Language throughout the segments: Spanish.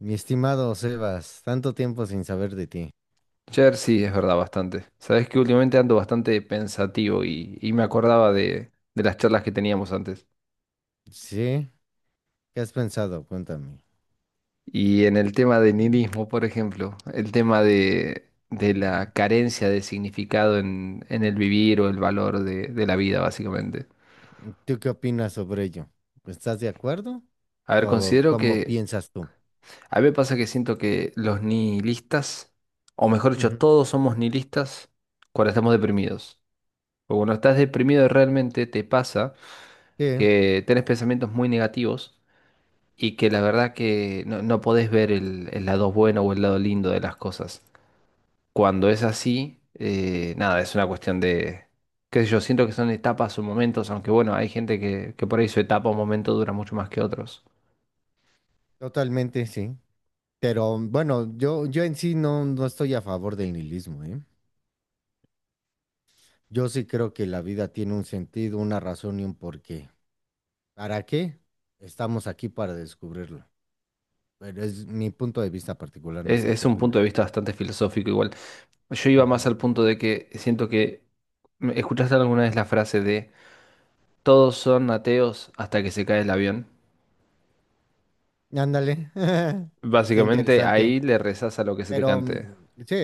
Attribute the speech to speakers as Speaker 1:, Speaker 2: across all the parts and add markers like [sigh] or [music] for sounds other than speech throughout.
Speaker 1: Mi estimado Sebas, tanto tiempo sin saber de ti.
Speaker 2: Cher, sí, es verdad, bastante. Sabes que últimamente ando bastante pensativo y me acordaba de las charlas que teníamos antes.
Speaker 1: ¿Sí? ¿Qué has pensado? Cuéntame.
Speaker 2: Y en el tema de nihilismo, por ejemplo, el tema de
Speaker 1: Mm,
Speaker 2: la carencia de significado en el vivir o el valor de la vida, básicamente.
Speaker 1: ¿Tú qué opinas sobre ello? ¿Estás de acuerdo?
Speaker 2: A ver,
Speaker 1: ¿O
Speaker 2: considero
Speaker 1: cómo
Speaker 2: que.
Speaker 1: piensas tú?
Speaker 2: A mí me pasa que siento que los nihilistas, o mejor dicho,
Speaker 1: Ujú.
Speaker 2: todos somos nihilistas cuando estamos deprimidos. O cuando estás deprimido realmente te pasa
Speaker 1: Sí,
Speaker 2: que tenés pensamientos muy negativos y que la verdad que no, no podés ver el lado bueno o el lado lindo de las cosas. Cuando es así, nada, es una cuestión de, qué sé yo, siento que son etapas o momentos, aunque bueno, hay gente que por ahí su etapa o momento dura mucho más que otros.
Speaker 1: totalmente, sí. Pero bueno, yo en sí no estoy a favor del nihilismo, ¿eh? Yo sí creo que la vida tiene un sentido, una razón y un porqué. ¿Para qué? Estamos aquí para descubrirlo. Pero es mi punto de vista particular, no sé
Speaker 2: Es
Speaker 1: qué
Speaker 2: un punto de
Speaker 1: opinas.
Speaker 2: vista bastante filosófico igual. Yo iba más
Speaker 1: Ujú.
Speaker 2: al punto de que siento que, ¿escuchaste alguna vez la frase de todos son ateos hasta que se cae el avión?
Speaker 1: Ándale, [laughs] está
Speaker 2: Básicamente
Speaker 1: interesante.
Speaker 2: ahí le rezás a lo que se te
Speaker 1: Pero
Speaker 2: cante.
Speaker 1: sí,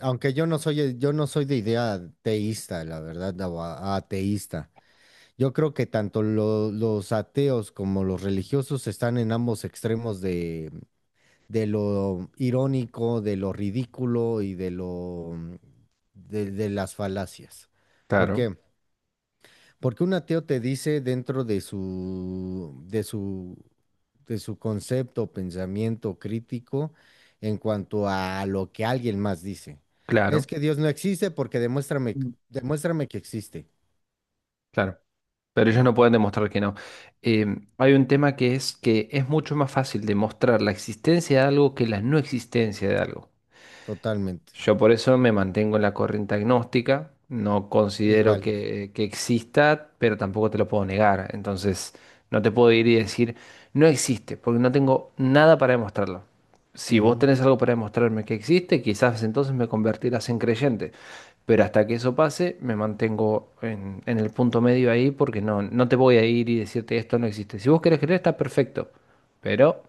Speaker 1: aunque yo no soy de idea teísta, la verdad, o ateísta. Yo creo que tanto los ateos como los religiosos están en ambos extremos de lo irónico, de lo ridículo y de lo de las falacias. ¿Por
Speaker 2: Claro,
Speaker 1: qué? Porque un ateo te dice dentro de de su concepto, pensamiento crítico en cuanto a lo que alguien más dice. Es
Speaker 2: claro.
Speaker 1: que Dios no existe porque
Speaker 2: Mm.
Speaker 1: demuéstrame que existe,
Speaker 2: Claro. Pero ellos no
Speaker 1: ¿no?
Speaker 2: pueden demostrar que no. Hay un tema que es mucho más fácil demostrar la existencia de algo que la no existencia de algo.
Speaker 1: Totalmente.
Speaker 2: Yo por eso me mantengo en la corriente agnóstica, no considero
Speaker 1: Igual.
Speaker 2: que exista, pero tampoco te lo puedo negar. Entonces, no te puedo ir y decir, no existe, porque no tengo nada para demostrarlo. Si vos
Speaker 1: Ujú,
Speaker 2: tenés algo para demostrarme que existe, quizás entonces me convertirás en creyente. Pero hasta que eso pase, me mantengo en el punto medio ahí, porque no, no te voy a ir y decirte esto no existe. Si vos querés creer, está perfecto. Pero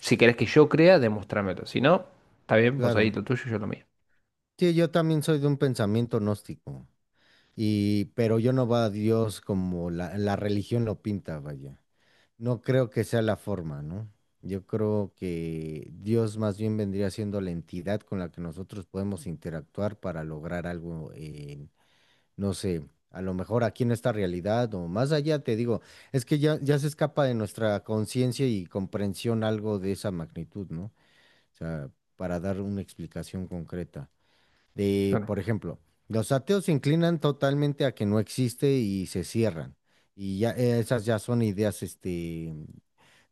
Speaker 2: si querés que yo crea, demuéstramelo. Si no, está bien, vos ahí
Speaker 1: claro.
Speaker 2: lo tuyo, yo lo mío.
Speaker 1: Sí, yo también soy de un pensamiento gnóstico. Y, pero yo no va a Dios como la religión lo pinta, vaya. No creo que sea la forma, ¿no? Yo creo que Dios más bien vendría siendo la entidad con la que nosotros podemos interactuar para lograr algo en, no sé, a lo mejor aquí en esta realidad o más allá, te digo, es que ya se escapa de nuestra conciencia y comprensión algo de esa magnitud, ¿no? O sea, para dar una explicación concreta. De,
Speaker 2: Claro,
Speaker 1: por ejemplo, los ateos se inclinan totalmente a que no existe y se cierran. Y ya esas ya son ideas,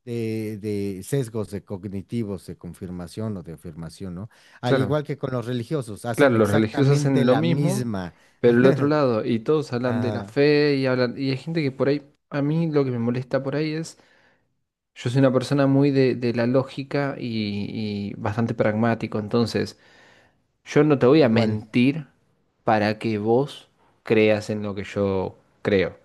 Speaker 1: de sesgos de cognitivos de confirmación o de afirmación, ¿no? Al
Speaker 2: claro,
Speaker 1: igual que con los religiosos, hacen
Speaker 2: claro, los religiosos
Speaker 1: exactamente
Speaker 2: hacen lo
Speaker 1: la
Speaker 2: mismo,
Speaker 1: misma.
Speaker 2: pero el otro
Speaker 1: [laughs]
Speaker 2: lado, y todos hablan de la
Speaker 1: Ajá,
Speaker 2: fe y hablan, y hay gente que por ahí, a mí lo que me molesta por ahí es, yo soy una persona muy de la lógica y bastante pragmático, entonces yo no te voy a
Speaker 1: igual,
Speaker 2: mentir para que vos creas en lo que yo creo.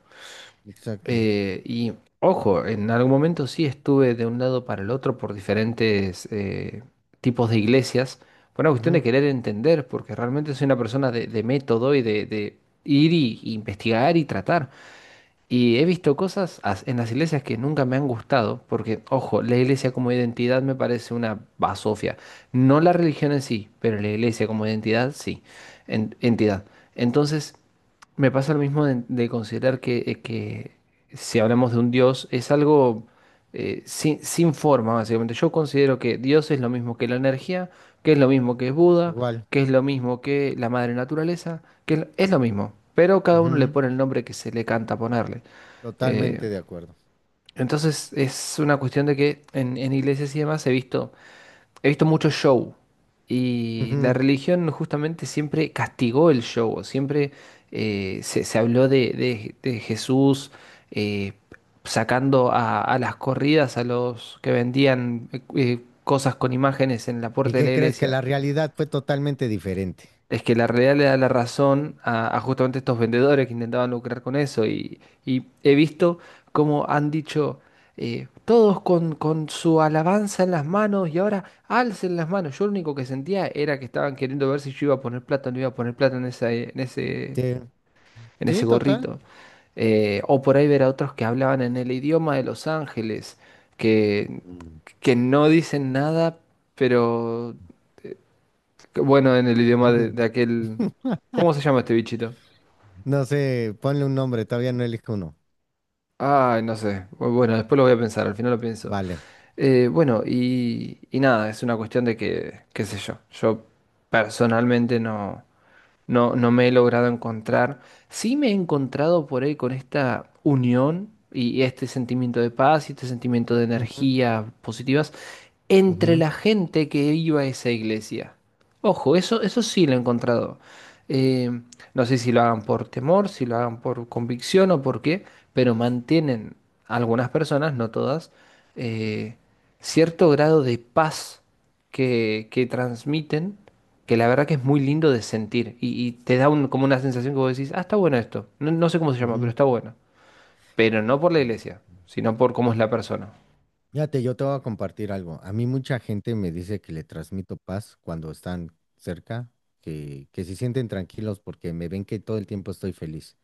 Speaker 1: exacto.
Speaker 2: Y ojo, en algún momento sí estuve de un lado para el otro por diferentes tipos de iglesias. Fue una cuestión de
Speaker 1: Ujú,
Speaker 2: querer entender, porque realmente soy una persona de método y de ir y investigar y tratar. Y he visto en las iglesias que nunca me han gustado, porque, ojo, la iglesia como identidad me parece una basofia. No la religión en sí, pero la iglesia como identidad, sí. Entidad. Entonces, me pasa lo mismo de considerar que si hablamos de un Dios, es algo sin, sin forma, básicamente. Yo considero que Dios es lo mismo que la energía, que es lo mismo que Buda,
Speaker 1: igual,
Speaker 2: que es lo mismo que la madre naturaleza, que es lo mismo, pero cada uno le
Speaker 1: ujú,
Speaker 2: pone el nombre que se le canta ponerle. Eh,
Speaker 1: totalmente de acuerdo.
Speaker 2: entonces es una cuestión de que en iglesias y demás he visto mucho show y la
Speaker 1: Ujú.
Speaker 2: religión justamente siempre castigó el show, siempre se, se habló de, de Jesús eh, sacando a las corridas a los que vendían cosas con imágenes en la
Speaker 1: ¿Y
Speaker 2: puerta de
Speaker 1: qué
Speaker 2: la
Speaker 1: crees? Que
Speaker 2: iglesia.
Speaker 1: la realidad fue totalmente diferente.
Speaker 2: Es que la realidad le da la razón a justamente estos vendedores que intentaban lucrar con eso y he visto cómo han dicho todos con su alabanza en las manos y ahora alcen las manos. Yo lo único que sentía era que estaban queriendo ver si yo iba a poner plata o no iba a poner plata en esa,
Speaker 1: Sí,
Speaker 2: en
Speaker 1: sí,
Speaker 2: ese
Speaker 1: total.
Speaker 2: gorrito. O por ahí ver a otros que hablaban en el idioma de Los Ángeles, que,
Speaker 1: Mm.
Speaker 2: que no dicen nada, pero que bueno, en el idioma
Speaker 1: Ujú.
Speaker 2: de aquel... ¿Cómo se llama este bichito?
Speaker 1: No sé, ponle un nombre, todavía no elijo uno.
Speaker 2: Ay, no sé. Bueno, después lo voy a pensar, al final lo pienso.
Speaker 1: Vale.
Speaker 2: Bueno, y nada, es una cuestión de que, qué sé yo, yo personalmente no... No, no me he logrado encontrar. Sí me he encontrado por ahí con esta unión y este sentimiento de paz y este sentimiento de
Speaker 1: Ujú,
Speaker 2: energía positivas entre
Speaker 1: ujú,
Speaker 2: la gente que iba a esa iglesia. Ojo, eso sí lo he encontrado. Eh, no sé si lo hagan por temor, si lo hagan por convicción o por qué, pero mantienen algunas personas, no todas, eh, cierto grado de paz que transmiten, que la verdad que es muy lindo de sentir y te da como una sensación que vos decís, ah, está bueno esto, no, no sé cómo se llama, pero está bueno, pero no por la
Speaker 1: ujú.
Speaker 2: iglesia, sino por cómo es la persona.
Speaker 1: Fíjate, yo te voy a compartir algo. A mí mucha gente me dice que le transmito paz cuando están cerca, que se sienten tranquilos porque me ven que todo el tiempo estoy feliz,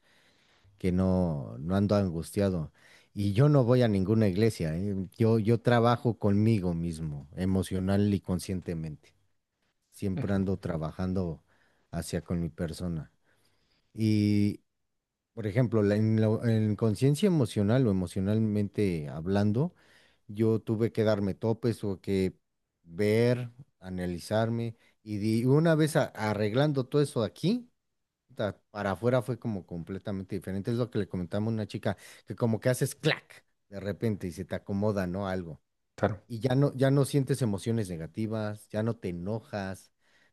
Speaker 1: que no, no ando angustiado. Y yo no voy a ninguna iglesia, ¿eh? Yo trabajo conmigo mismo, emocional y conscientemente.
Speaker 2: Eh,
Speaker 1: Siempre ando trabajando hacia con mi persona. Por ejemplo, en conciencia emocional o emocionalmente hablando, yo tuve que darme topes o que ver, analizarme y una vez arreglando todo eso aquí, para afuera fue como completamente diferente. Es lo que le comentamos a una chica que como que haces clac de repente y se te acomoda, ¿no? Algo
Speaker 2: Claro.
Speaker 1: y ya no sientes emociones negativas, ya no te enojas.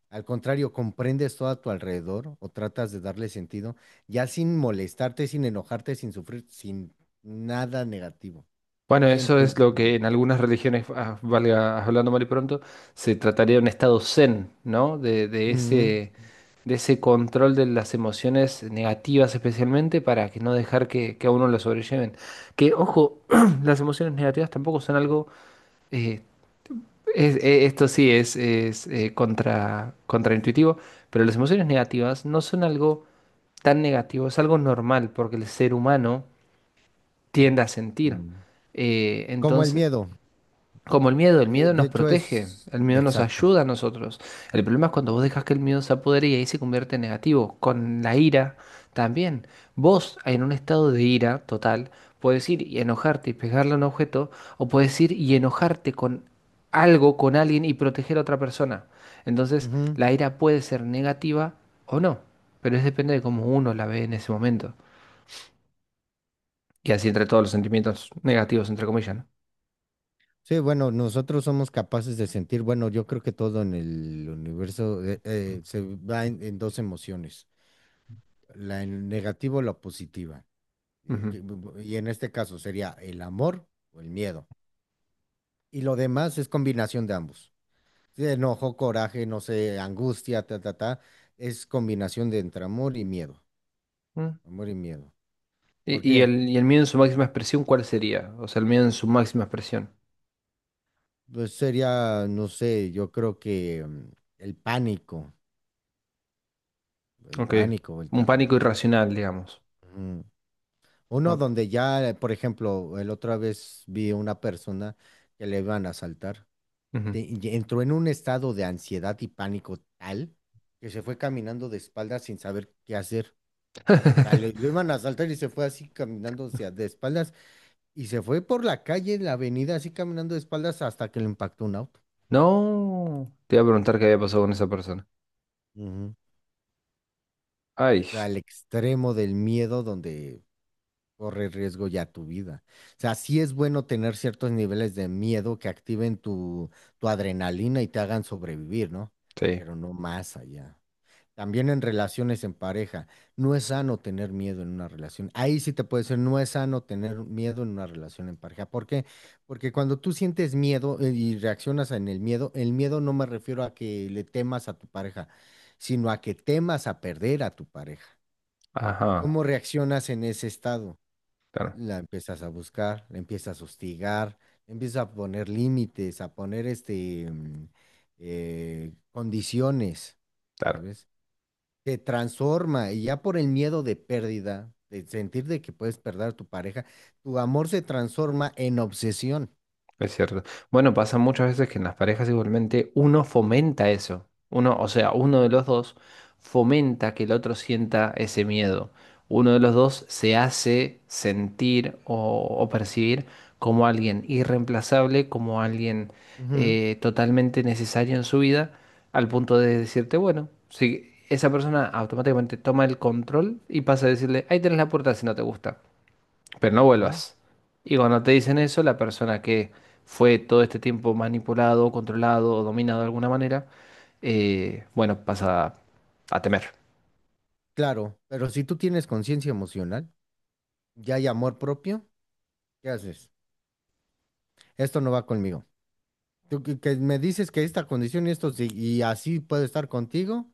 Speaker 1: Al contrario, comprendes todo a tu alrededor o tratas de darle sentido, ya sin molestarte, sin enojarte, sin sufrir, sin nada negativo.
Speaker 2: Bueno, eso
Speaker 1: Siempre
Speaker 2: es lo
Speaker 1: evitando.
Speaker 2: que en algunas religiones, ah, valga hablando mal y pronto, se trataría de un estado zen, ¿no? De
Speaker 1: Ujú,
Speaker 2: ese. De ese control de las emociones negativas especialmente para que no dejar que a uno lo sobrelleven. Que, ojo, [clears throat] las emociones negativas tampoco son algo, eh, esto sí es contra, contraintuitivo, pero las emociones negativas no son algo tan negativo, es algo normal porque el ser humano tiende a sentir.
Speaker 1: ujú. Como el
Speaker 2: Entonces,
Speaker 1: miedo.
Speaker 2: como el miedo
Speaker 1: De
Speaker 2: nos
Speaker 1: hecho,
Speaker 2: protege,
Speaker 1: es
Speaker 2: el miedo nos
Speaker 1: exacto.
Speaker 2: ayuda a nosotros. El problema es cuando vos dejas que el miedo se apodere y ahí se convierte en negativo. Con la ira también. Vos en un estado de ira total puedes ir y enojarte y pegarle a un objeto o puedes ir y enojarte con algo, con alguien y proteger a otra persona. Entonces
Speaker 1: Ujú.
Speaker 2: la ira puede ser negativa o no, pero es depende de cómo uno la ve en ese momento. Y así entre todos los sentimientos negativos, entre comillas, ¿no?
Speaker 1: Sí, bueno, nosotros somos capaces de sentir, bueno, yo creo que todo en el universo se va en dos emociones, la en negativo, la positiva. eh, que- Y en este caso sería el amor o el miedo. Y lo demás es combinación de ambos. Sí, enojo, coraje, no sé, angustia, ta, ta, ta. Es combinación de entre amor y miedo.
Speaker 2: Ujú.
Speaker 1: Amor y miedo. ¿Por qué?
Speaker 2: Y el miedo en su máxima expresión, ¿cuál sería? O sea, el miedo en su máxima expresión.
Speaker 1: Pues sería, no sé, yo creo que el pánico, el
Speaker 2: Ok.
Speaker 1: pánico, el
Speaker 2: Un pánico
Speaker 1: terror.
Speaker 2: irracional, digamos.
Speaker 1: Ujú. Uno
Speaker 2: Ok.
Speaker 1: donde ya, por ejemplo, el otra vez vi una persona que le iban a asaltar
Speaker 2: Ujú.
Speaker 1: y entró en un estado de ansiedad y pánico tal que se fue caminando de espaldas sin saber qué hacer. O sea, lo
Speaker 2: [laughs]
Speaker 1: iban a asaltar y se fue así caminando de espaldas y se fue por la calle, la avenida, así caminando de espaldas hasta que le impactó un auto.
Speaker 2: No. Te iba a preguntar qué había pasado con esa persona.
Speaker 1: Ujú.
Speaker 2: Ay,
Speaker 1: O sea, al extremo del miedo donde corre riesgo ya tu vida. O sea, sí es bueno tener ciertos niveles de miedo que activen tu adrenalina y te hagan sobrevivir, ¿no?
Speaker 2: sí.
Speaker 1: Pero no más allá. También en relaciones en pareja, no es sano tener miedo en una relación. Ahí sí te puede ser, no es sano tener miedo en una relación en pareja. ¿Por qué? Porque cuando tú sientes miedo y reaccionas en el miedo no me refiero a que le temas a tu pareja, sino a que temas a perder a tu pareja. ¿Y
Speaker 2: Ajá.
Speaker 1: cómo reaccionas en ese estado?
Speaker 2: Claro,
Speaker 1: La empiezas a buscar, la empiezas a hostigar, le empiezas a poner límites, a poner condiciones,
Speaker 2: claro.
Speaker 1: ¿sabes? Te transforma y ya por el miedo de pérdida, de sentir de que puedes perder a tu pareja, tu amor se transforma en obsesión.
Speaker 2: Es cierto. Bueno, pasa muchas veces que en las parejas igualmente uno fomenta eso. Uno, o sea, uno de los dos fomenta que el otro sienta ese miedo. Uno de los dos se hace sentir o percibir como alguien irreemplazable, como alguien
Speaker 1: Ujú,
Speaker 2: totalmente necesario en su vida, al punto de decirte, bueno, si esa persona automáticamente toma el control y pasa a decirle, ahí tenés la puerta si no te gusta pero no
Speaker 1: ujú.
Speaker 2: vuelvas. Y cuando te dicen eso, la persona que fue todo este tiempo manipulado, controlado o dominado de alguna manera, bueno, pasa a temer.
Speaker 1: Claro, pero si tú tienes conciencia emocional, ya hay amor propio, ¿qué haces? Esto no va conmigo. Tú que me dices que esta condición y esto sí, y así puedo estar contigo,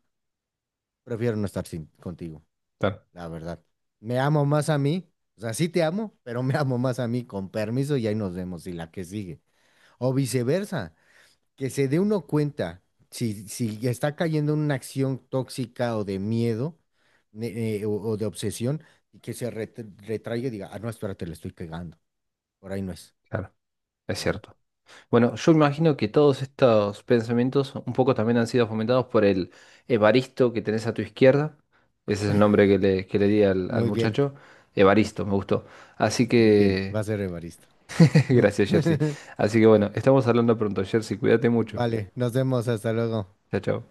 Speaker 1: prefiero no estar sin, contigo,
Speaker 2: Claro,
Speaker 1: la verdad. Me amo más a mí, o sea, sí te amo, pero me amo más a mí, con permiso y ahí nos vemos y la que sigue. O viceversa. Que se dé uno cuenta si está cayendo en una acción tóxica o de miedo o de obsesión y que se retraiga y diga, ah, no, espérate, le estoy cagando, por ahí no es,
Speaker 2: claro. Es
Speaker 1: ¿no?
Speaker 2: cierto. Bueno, yo imagino que todos estos pensamientos un poco también han sido fomentados por el Evaristo que tenés a tu izquierda. Ese es el nombre que le di al, al
Speaker 1: Muy bien,
Speaker 2: muchacho.
Speaker 1: ah,
Speaker 2: Evaristo, me gustó. Así
Speaker 1: bien,
Speaker 2: que...
Speaker 1: va a ser Evaristo.
Speaker 2: [laughs] Gracias, Jersey.
Speaker 1: [laughs]
Speaker 2: Así que bueno, estamos hablando pronto, Jersey. Cuídate mucho.
Speaker 1: Vale, nos vemos, hasta luego.
Speaker 2: Chao, chao.